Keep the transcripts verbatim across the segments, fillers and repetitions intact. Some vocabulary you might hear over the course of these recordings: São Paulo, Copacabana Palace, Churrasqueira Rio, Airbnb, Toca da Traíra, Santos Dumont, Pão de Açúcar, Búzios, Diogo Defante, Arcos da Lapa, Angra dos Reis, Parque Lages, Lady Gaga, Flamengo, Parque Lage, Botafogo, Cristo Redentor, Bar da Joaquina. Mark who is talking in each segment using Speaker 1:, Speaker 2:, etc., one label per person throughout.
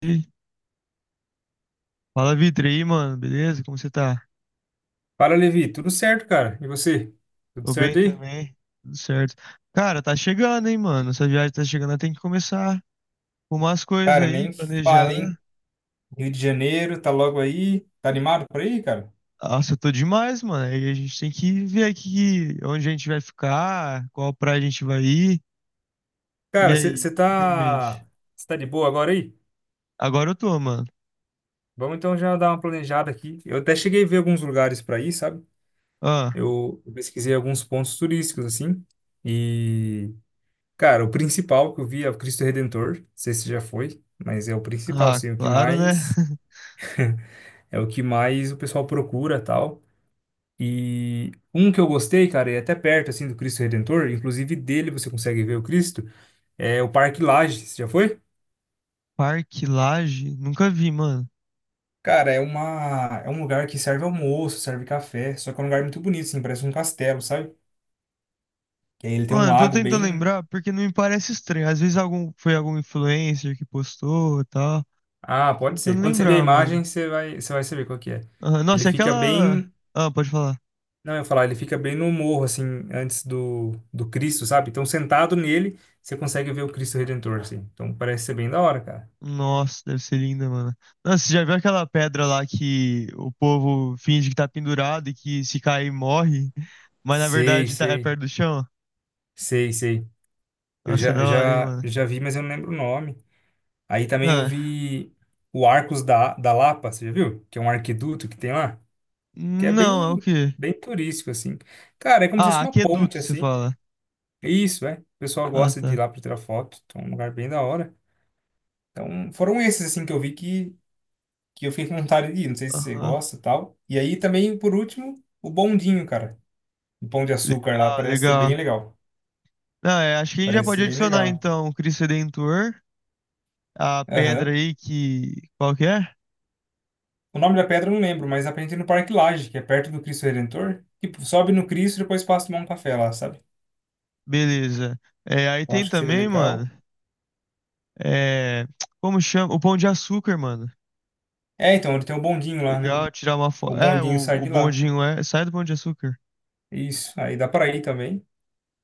Speaker 1: E Fala, Vitor, e aí, mano, beleza? Como você tá?
Speaker 2: Fala, Levi. Tudo certo, cara? E você? Tudo
Speaker 1: Tô bem
Speaker 2: certo aí?
Speaker 1: também, tudo certo. Cara, tá chegando, hein, mano? Essa viagem tá chegando, tem que começar a arrumar as coisas
Speaker 2: Cara,
Speaker 1: aí,
Speaker 2: nem
Speaker 1: planejar.
Speaker 2: fale, hein? Rio de Janeiro, tá logo aí. Tá animado por aí, cara?
Speaker 1: Nossa, eu tô demais, mano. Aí a gente tem que ver aqui onde a gente vai ficar, qual praia a gente vai ir. E
Speaker 2: Cara,
Speaker 1: aí, o
Speaker 2: você
Speaker 1: que que tem em
Speaker 2: tá,
Speaker 1: mente?
Speaker 2: cê tá de boa agora aí?
Speaker 1: Agora eu tô, mano.
Speaker 2: Vamos então já dar uma planejada aqui. Eu até cheguei a ver alguns lugares para ir, sabe?
Speaker 1: Ah,
Speaker 2: Eu eu pesquisei alguns pontos turísticos, assim. E, cara, o principal que eu vi é o Cristo Redentor. Não sei se já foi, mas é o principal,
Speaker 1: ah,
Speaker 2: assim, o que
Speaker 1: claro, né?
Speaker 2: mais... É o que mais o pessoal procura, tal. E um que eu gostei, cara, é até perto assim do Cristo Redentor, inclusive dele você consegue ver o Cristo, é o Parque Lages. Você já foi?
Speaker 1: Parque Lage? Nunca vi, mano.
Speaker 2: Cara, é uma é um lugar que serve almoço, serve café, só que é um lugar muito bonito, assim, parece um castelo, sabe? Que aí ele tem um
Speaker 1: Mano, tô
Speaker 2: lago
Speaker 1: tentando
Speaker 2: bem...
Speaker 1: lembrar porque não me parece estranho. Às vezes algum, foi algum influencer que postou e tal.
Speaker 2: Ah, pode ser.
Speaker 1: Tentando
Speaker 2: Quando você vê a
Speaker 1: lembrar,
Speaker 2: imagem,
Speaker 1: mano.
Speaker 2: você vai você vai saber qual que é.
Speaker 1: Aham,
Speaker 2: Ele
Speaker 1: nossa, e
Speaker 2: fica
Speaker 1: aquela.
Speaker 2: bem,
Speaker 1: Ah, pode falar.
Speaker 2: não, eu ia falar, ele fica bem no morro assim, antes do do Cristo, sabe? Então sentado nele, você consegue ver o Cristo Redentor, assim. Então parece ser bem da hora, cara.
Speaker 1: Nossa, deve ser linda, mano. Nossa, você já viu aquela pedra lá que o povo finge que tá pendurado e que se cair morre, mas na
Speaker 2: Sei,
Speaker 1: verdade tá é
Speaker 2: sei.
Speaker 1: perto do chão?
Speaker 2: Sei, sei. Eu
Speaker 1: Nossa, é
Speaker 2: já,
Speaker 1: da
Speaker 2: eu
Speaker 1: hora, hein,
Speaker 2: já,
Speaker 1: mano.
Speaker 2: já vi, mas eu não lembro o nome. Aí também eu
Speaker 1: Ah,
Speaker 2: vi o Arcos da, da Lapa, você já viu? Que é um arquiduto que tem lá, que é
Speaker 1: não, é o
Speaker 2: bem,
Speaker 1: quê?
Speaker 2: bem turístico, assim. Cara, é como se fosse
Speaker 1: Ah,
Speaker 2: uma ponte,
Speaker 1: aqueduto, você
Speaker 2: assim.
Speaker 1: fala.
Speaker 2: Isso, é. O pessoal
Speaker 1: Ah,
Speaker 2: gosta de ir
Speaker 1: tá.
Speaker 2: lá para tirar foto, então é um lugar bem da hora. Então, foram esses, assim, que eu vi que, que eu fiquei com vontade de ir. Não sei se você
Speaker 1: Aham.
Speaker 2: gosta e tal. E aí também, por último, o bondinho, cara. O Pão de Açúcar lá
Speaker 1: Legal,
Speaker 2: parece ser bem
Speaker 1: legal.
Speaker 2: legal.
Speaker 1: Não, é, acho que a gente já
Speaker 2: Parece
Speaker 1: pode
Speaker 2: ser bem
Speaker 1: adicionar
Speaker 2: legal.
Speaker 1: então o Cristo Redentor, a pedra
Speaker 2: Aham.
Speaker 1: aí que. Qual que é?
Speaker 2: O nome da pedra eu não lembro, mas aprendi no Parque Lage, que é perto do Cristo Redentor. Tipo, sobe no Cristo e depois passa a tomar um café lá, sabe?
Speaker 1: Beleza. É, aí
Speaker 2: Eu
Speaker 1: tem
Speaker 2: acho que seria
Speaker 1: também,
Speaker 2: legal.
Speaker 1: mano. É, como chama? O Pão de Açúcar, mano.
Speaker 2: É, então, ele tem o bondinho lá, né?
Speaker 1: Legal, tirar uma
Speaker 2: O
Speaker 1: foto. É,
Speaker 2: bondinho
Speaker 1: o,
Speaker 2: sai
Speaker 1: o
Speaker 2: de lá.
Speaker 1: bondinho é. Sai do Pão de Açúcar.
Speaker 2: Isso, aí dá pra ir também.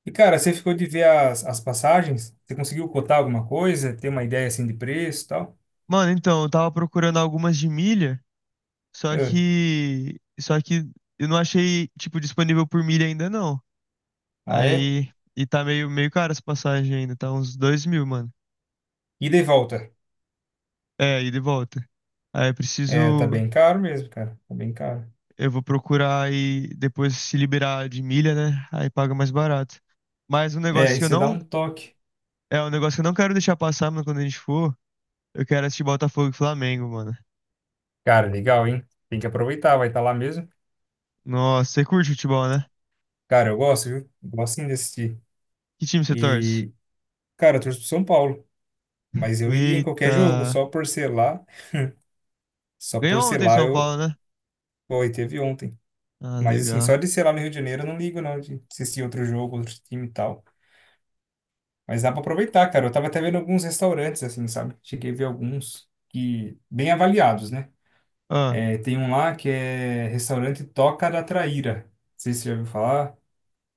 Speaker 2: E, cara, você ficou de ver as, as passagens? Você conseguiu cotar alguma coisa? Ter uma ideia, assim, de preço e tal?
Speaker 1: Mano, então, eu tava procurando algumas de milha, só
Speaker 2: É.
Speaker 1: que. Só que eu não achei, tipo, disponível por milha ainda não.
Speaker 2: Ah, é?
Speaker 1: Aí. E tá meio, meio caro essa passagem ainda, tá uns dois mil, mano.
Speaker 2: Ida e volta.
Speaker 1: É, ida e volta. Aí eu
Speaker 2: É, tá
Speaker 1: preciso.
Speaker 2: bem caro mesmo, cara. Tá bem caro.
Speaker 1: Eu vou procurar e depois se liberar de milha, né? Aí paga mais barato. Mas um
Speaker 2: É,
Speaker 1: negócio
Speaker 2: e
Speaker 1: que eu
Speaker 2: você dá
Speaker 1: não.
Speaker 2: um toque.
Speaker 1: É um negócio que eu não quero deixar passar, mano, quando a gente for. Eu quero assistir Botafogo e Flamengo, mano.
Speaker 2: Cara, legal, hein? Tem que aproveitar, vai estar lá mesmo.
Speaker 1: Nossa, você curte futebol, né?
Speaker 2: Cara, eu gosto, viu? Eu gosto sim de assistir.
Speaker 1: Que time você torce?
Speaker 2: E, cara, eu torço pro São Paulo, mas eu iria em qualquer
Speaker 1: Eita.
Speaker 2: jogo, só por ser lá, só por
Speaker 1: Ganhou
Speaker 2: ser
Speaker 1: ontem
Speaker 2: lá
Speaker 1: São Paulo,
Speaker 2: eu,
Speaker 1: né?
Speaker 2: pô, e teve ontem.
Speaker 1: Ah,
Speaker 2: Mas assim, só
Speaker 1: legal.
Speaker 2: de ser lá no Rio de Janeiro eu não ligo não, de assistir outro jogo, outro time e tal. Mas dá pra aproveitar, cara. Eu tava até vendo alguns restaurantes, assim, sabe? Cheguei a ver alguns que, bem avaliados, né?
Speaker 1: Ah,
Speaker 2: É, tem um lá que é restaurante Toca da Traíra. Não sei se você já ouviu falar.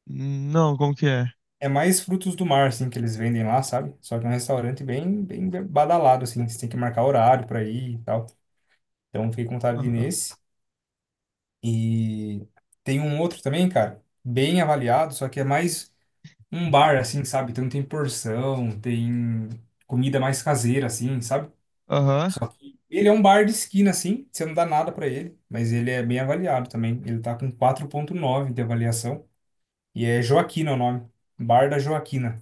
Speaker 1: não, como que é?
Speaker 2: É mais frutos do mar, assim, que eles vendem lá, sabe? Só que é um restaurante bem, bem badalado, assim. Você tem que marcar horário pra ir e tal. Então, fiquei com vontade de ir
Speaker 1: Ah,
Speaker 2: nesse. E tem um outro também, cara, bem avaliado, só que é mais um bar, assim, sabe? Então tem porção, tem comida mais caseira, assim, sabe?
Speaker 1: aham.
Speaker 2: Só que ele é um bar de esquina, assim, você não dá nada pra ele, mas ele é bem avaliado também. Ele tá com quatro ponto nove de avaliação e é Joaquina o nome, Bar da Joaquina.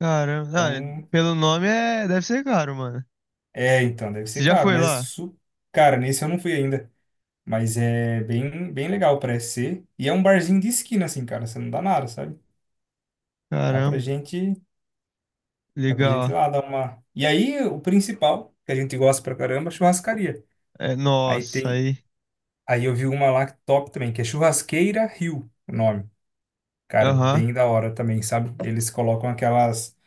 Speaker 1: Caramba. Ah,
Speaker 2: Então,
Speaker 1: pelo nome é, deve ser caro, mano.
Speaker 2: é, então, deve
Speaker 1: Você
Speaker 2: ser
Speaker 1: já
Speaker 2: caro,
Speaker 1: foi
Speaker 2: mas
Speaker 1: lá?
Speaker 2: isso, cara, nesse eu não fui ainda. Mas é bem, bem legal, parece ser. E é um barzinho de esquina, assim, cara. Você não dá nada, sabe? Dá pra
Speaker 1: Caramba.
Speaker 2: gente, dá pra gente ir
Speaker 1: Legal.
Speaker 2: lá dar uma. E aí, o principal, que a gente gosta pra caramba, é churrascaria.
Speaker 1: É,
Speaker 2: Aí
Speaker 1: nossa,
Speaker 2: tem,
Speaker 1: aí.
Speaker 2: aí eu vi uma lá que top também, que é Churrasqueira Rio, o nome. Cara,
Speaker 1: Aham.
Speaker 2: bem da hora também, sabe? Eles colocam aquelas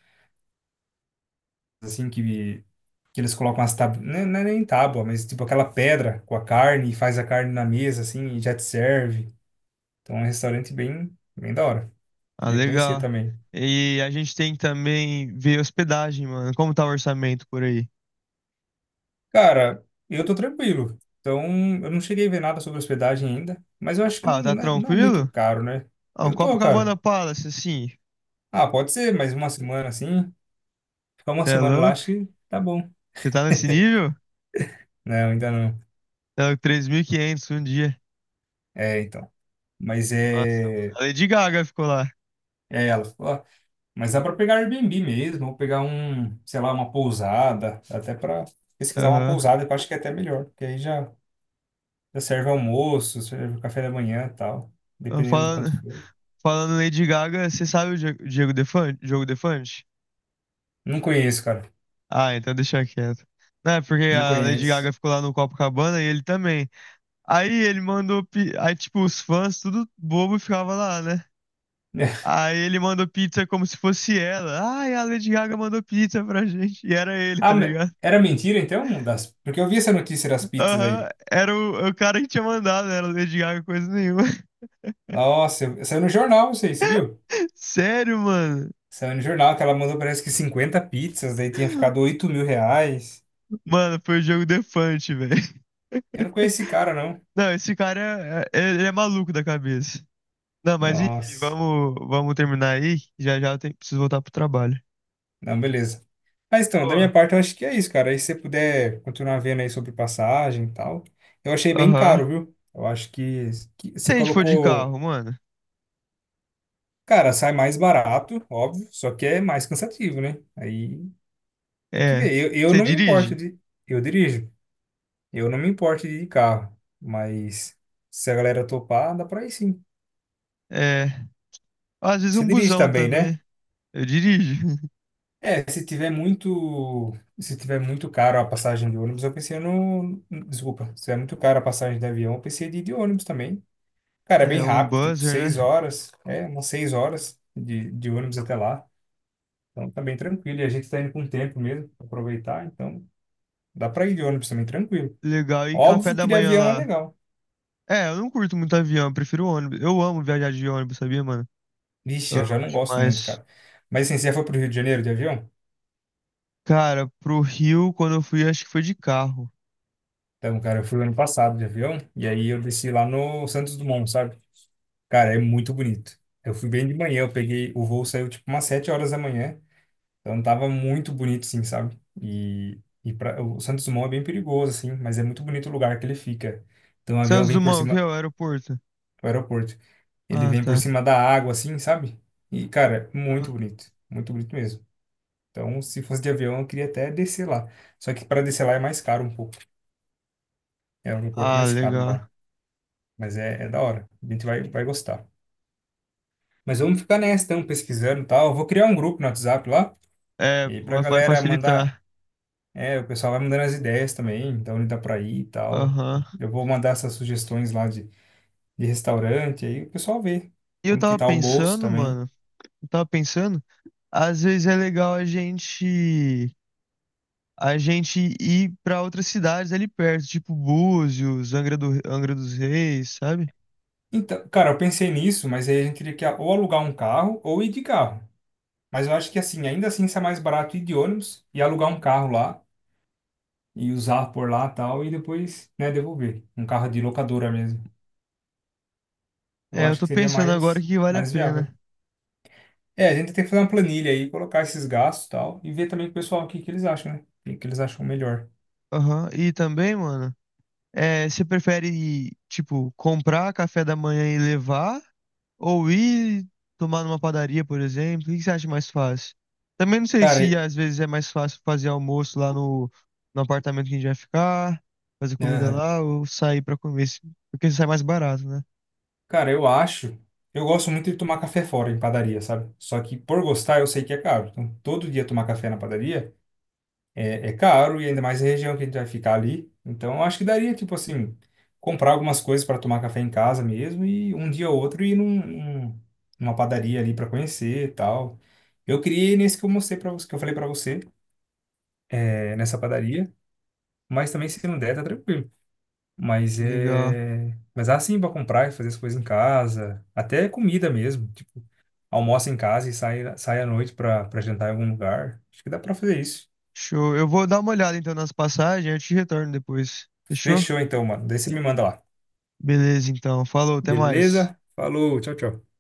Speaker 2: assim que que eles colocam as tábuas, não é não é nem tábua, mas tipo aquela pedra com a carne e faz a carne na mesa assim e já te serve. Então é um restaurante bem, bem da hora.
Speaker 1: Ah,
Speaker 2: Queria conhecer
Speaker 1: legal.
Speaker 2: também.
Speaker 1: E a gente tem que também ver hospedagem, mano. Como tá o orçamento por aí?
Speaker 2: Cara, eu tô tranquilo. Então, eu não cheguei a ver nada sobre hospedagem ainda, mas eu acho que
Speaker 1: Ah, tá
Speaker 2: não é, não é muito
Speaker 1: tranquilo?
Speaker 2: caro, né?
Speaker 1: Ah, um
Speaker 2: Eu tô,
Speaker 1: Copacabana
Speaker 2: cara.
Speaker 1: Palace, assim.
Speaker 2: Ah, pode ser, mais uma semana assim. Ficar uma
Speaker 1: Você é
Speaker 2: semana lá,
Speaker 1: louco?
Speaker 2: acho que tá bom.
Speaker 1: Você tá nesse nível? Você
Speaker 2: Não, ainda não.
Speaker 1: é louco, três mil e quinhentos um dia.
Speaker 2: É, então. Mas
Speaker 1: Nossa, mano.
Speaker 2: é.
Speaker 1: A Lady Gaga ficou lá.
Speaker 2: É ela. Falou, ó, mas dá pra pegar Airbnb mesmo, ou pegar um, sei lá, uma pousada. Dá até pra pesquisar uma
Speaker 1: Aham.
Speaker 2: pousada, que eu acho que é até melhor. Porque aí já, já serve almoço, serve café da manhã e tal.
Speaker 1: Ah,
Speaker 2: Dependendo de
Speaker 1: Falando,
Speaker 2: quanto for.
Speaker 1: falando em Lady Gaga, você sabe o Die- Diego Defante? Diogo Defante?
Speaker 2: Não conheço, cara.
Speaker 1: Ah, então deixa quieto. Não, é porque
Speaker 2: Não
Speaker 1: a Lady
Speaker 2: conheço.
Speaker 1: Gaga ficou lá no Copacabana e ele também. Aí ele mandou. pi- Aí, tipo, os fãs, tudo bobo, ficava lá, né? Aí ele mandou pizza como se fosse ela. Ai, a Lady Gaga mandou pizza pra gente. E era ele,
Speaker 2: Ah,
Speaker 1: tá
Speaker 2: me-
Speaker 1: ligado?
Speaker 2: era mentira então? Das... Porque eu vi essa notícia das pizzas
Speaker 1: Aham,
Speaker 2: aí.
Speaker 1: era o, o cara que tinha mandado, não era Lady Gaga, coisa nenhuma.
Speaker 2: Nossa, eu- saiu no jornal isso aí, você viu?
Speaker 1: Sério, mano?
Speaker 2: Saiu no jornal que ela mandou parece que cinquenta pizzas, daí tinha ficado oito mil reais.
Speaker 1: Mano, foi o jogo defante, velho.
Speaker 2: Eu não conheci esse cara, não.
Speaker 1: Não, esse cara é, é- ele é maluco da cabeça. Não, mas enfim,
Speaker 2: Nossa.
Speaker 1: vamos, vamos terminar aí. Já já eu tenho- preciso voltar pro trabalho.
Speaker 2: Não, beleza. Mas então, da
Speaker 1: Ó,
Speaker 2: minha parte eu acho que é isso, cara. Aí se você puder continuar vendo aí sobre passagem e tal. Eu achei bem
Speaker 1: aham.
Speaker 2: caro, viu? Eu acho que, que
Speaker 1: Se
Speaker 2: você
Speaker 1: a gente for de
Speaker 2: colocou.
Speaker 1: carro, mano,
Speaker 2: Cara, sai mais barato, óbvio, só que é mais cansativo, né? Aí tem que
Speaker 1: é.
Speaker 2: ver. Eu, eu
Speaker 1: Você
Speaker 2: não me importo
Speaker 1: dirige?
Speaker 2: de. Eu dirijo. Eu não me importo de ir de carro, mas se a galera topar, dá pra ir sim.
Speaker 1: É. Às vezes
Speaker 2: Você
Speaker 1: um
Speaker 2: dirige
Speaker 1: busão
Speaker 2: também, né?
Speaker 1: também. Eu dirijo.
Speaker 2: É, se tiver muito, se tiver muito caro a passagem de ônibus, eu pensei no, desculpa, se tiver muito caro a passagem de avião, eu pensei de ir de ônibus também. Cara, é bem
Speaker 1: É, um
Speaker 2: rápido, tipo
Speaker 1: buzzer,
Speaker 2: seis
Speaker 1: né?
Speaker 2: horas, é, umas seis horas de, de ônibus até lá. Então tá bem tranquilo, e a gente tá indo com tempo mesmo, pra aproveitar, então dá pra ir de ônibus também, tranquilo.
Speaker 1: Legal. E café
Speaker 2: Óbvio
Speaker 1: da
Speaker 2: que de
Speaker 1: manhã
Speaker 2: avião é
Speaker 1: lá?
Speaker 2: legal.
Speaker 1: É, eu não curto muito avião, eu prefiro ônibus. Eu amo viajar de ônibus, sabia, mano? Eu
Speaker 2: Vixe, eu já
Speaker 1: amo
Speaker 2: não gosto muito,
Speaker 1: demais.
Speaker 2: cara. Mas assim, você já foi pro Rio de Janeiro de avião?
Speaker 1: Cara, pro Rio, quando eu fui, acho que foi de carro.
Speaker 2: Então, cara, eu fui ano passado de avião, e aí eu desci lá no Santos Dumont, sabe? Cara, é muito bonito. Eu fui bem de manhã, eu peguei, o voo saiu tipo umas sete horas da manhã, então tava muito bonito, sim, sabe? E, e pra, o Santos Dumont é bem perigoso, assim, mas é muito bonito o lugar que ele fica. Então o avião
Speaker 1: Santos
Speaker 2: vem por
Speaker 1: Dumont, o que é
Speaker 2: cima,
Speaker 1: o aeroporto?
Speaker 2: o aeroporto, ele
Speaker 1: Ah,
Speaker 2: vem por
Speaker 1: tá.
Speaker 2: cima da água, assim, sabe? E, cara, muito bonito, muito bonito mesmo. Então, se fosse de avião, eu queria até descer lá. Só que para descer lá é mais caro um pouco. É um aeroporto
Speaker 1: Ah,
Speaker 2: mais caro
Speaker 1: legal.
Speaker 2: lá. Mas é, é da hora. A gente vai, vai gostar. Mas vamos ficar nessa, então, pesquisando e tal. Eu vou criar um grupo no WhatsApp lá.
Speaker 1: É,
Speaker 2: E aí pra
Speaker 1: vai vai
Speaker 2: galera mandar.
Speaker 1: facilitar.
Speaker 2: É, o pessoal vai mandando as ideias também, então ele dá pra ir e tal.
Speaker 1: Aham.
Speaker 2: Eu vou mandar essas sugestões lá de, de restaurante, aí o pessoal vê
Speaker 1: E eu
Speaker 2: como que
Speaker 1: tava
Speaker 2: tá o bolso
Speaker 1: pensando,
Speaker 2: também.
Speaker 1: mano, eu tava pensando, às vezes é legal a gente a gente ir pra outras cidades ali perto, tipo Búzios, Angra do, Angra dos Reis, sabe?
Speaker 2: Então, cara, eu pensei nisso, mas aí a gente teria que ou alugar um carro ou ir de carro. Mas eu acho que assim, ainda assim isso é mais barato ir de ônibus e alugar um carro lá e usar por lá e tal, e depois, né, devolver. Um carro de locadora mesmo. Eu
Speaker 1: É, eu
Speaker 2: acho
Speaker 1: tô
Speaker 2: que seria
Speaker 1: pensando agora
Speaker 2: mais,
Speaker 1: que vale a
Speaker 2: mais
Speaker 1: pena.
Speaker 2: viável. É, a gente tem que fazer uma planilha aí, colocar esses gastos e tal, e ver também com o pessoal o que que eles acham, né? O que que eles acham melhor.
Speaker 1: Aham. E também, mano, é, você prefere, tipo, comprar café da manhã e levar? Ou ir tomar numa padaria, por exemplo? O que que você acha mais fácil? Também não sei
Speaker 2: Cara,
Speaker 1: se
Speaker 2: é-
Speaker 1: às vezes é mais fácil fazer almoço lá no, no apartamento que a gente vai ficar, fazer comida
Speaker 2: aham.
Speaker 1: lá ou sair pra comer, se- porque sai mais barato, né?
Speaker 2: Cara, eu acho. Eu gosto muito de tomar café fora em padaria, sabe? Só que por gostar, eu sei que é caro. Então, todo dia tomar café na padaria. É, é caro e ainda mais a região que a gente vai ficar ali. Então, eu acho que daria, tipo assim, comprar algumas coisas para tomar café em casa mesmo e um dia ou outro ir num, num- numa padaria ali para conhecer e tal. Eu queria ir nesse que eu mostrei para você, que eu falei para você, é, nessa padaria, mas também se não der, tá tranquilo. Mas
Speaker 1: Legal.
Speaker 2: é, mas dá sim para comprar e fazer as coisas em casa, até comida mesmo, tipo, almoça em casa e sai sai à noite para para jantar em algum lugar. Acho que dá para fazer isso.
Speaker 1: Show. Eu vou dar uma olhada então nas passagens, eu te retorno depois. Fechou?
Speaker 2: Fechou então, mano. Daí você me manda lá.
Speaker 1: Beleza, então. Falou, até mais.
Speaker 2: Beleza? Falou, tchau, tchau.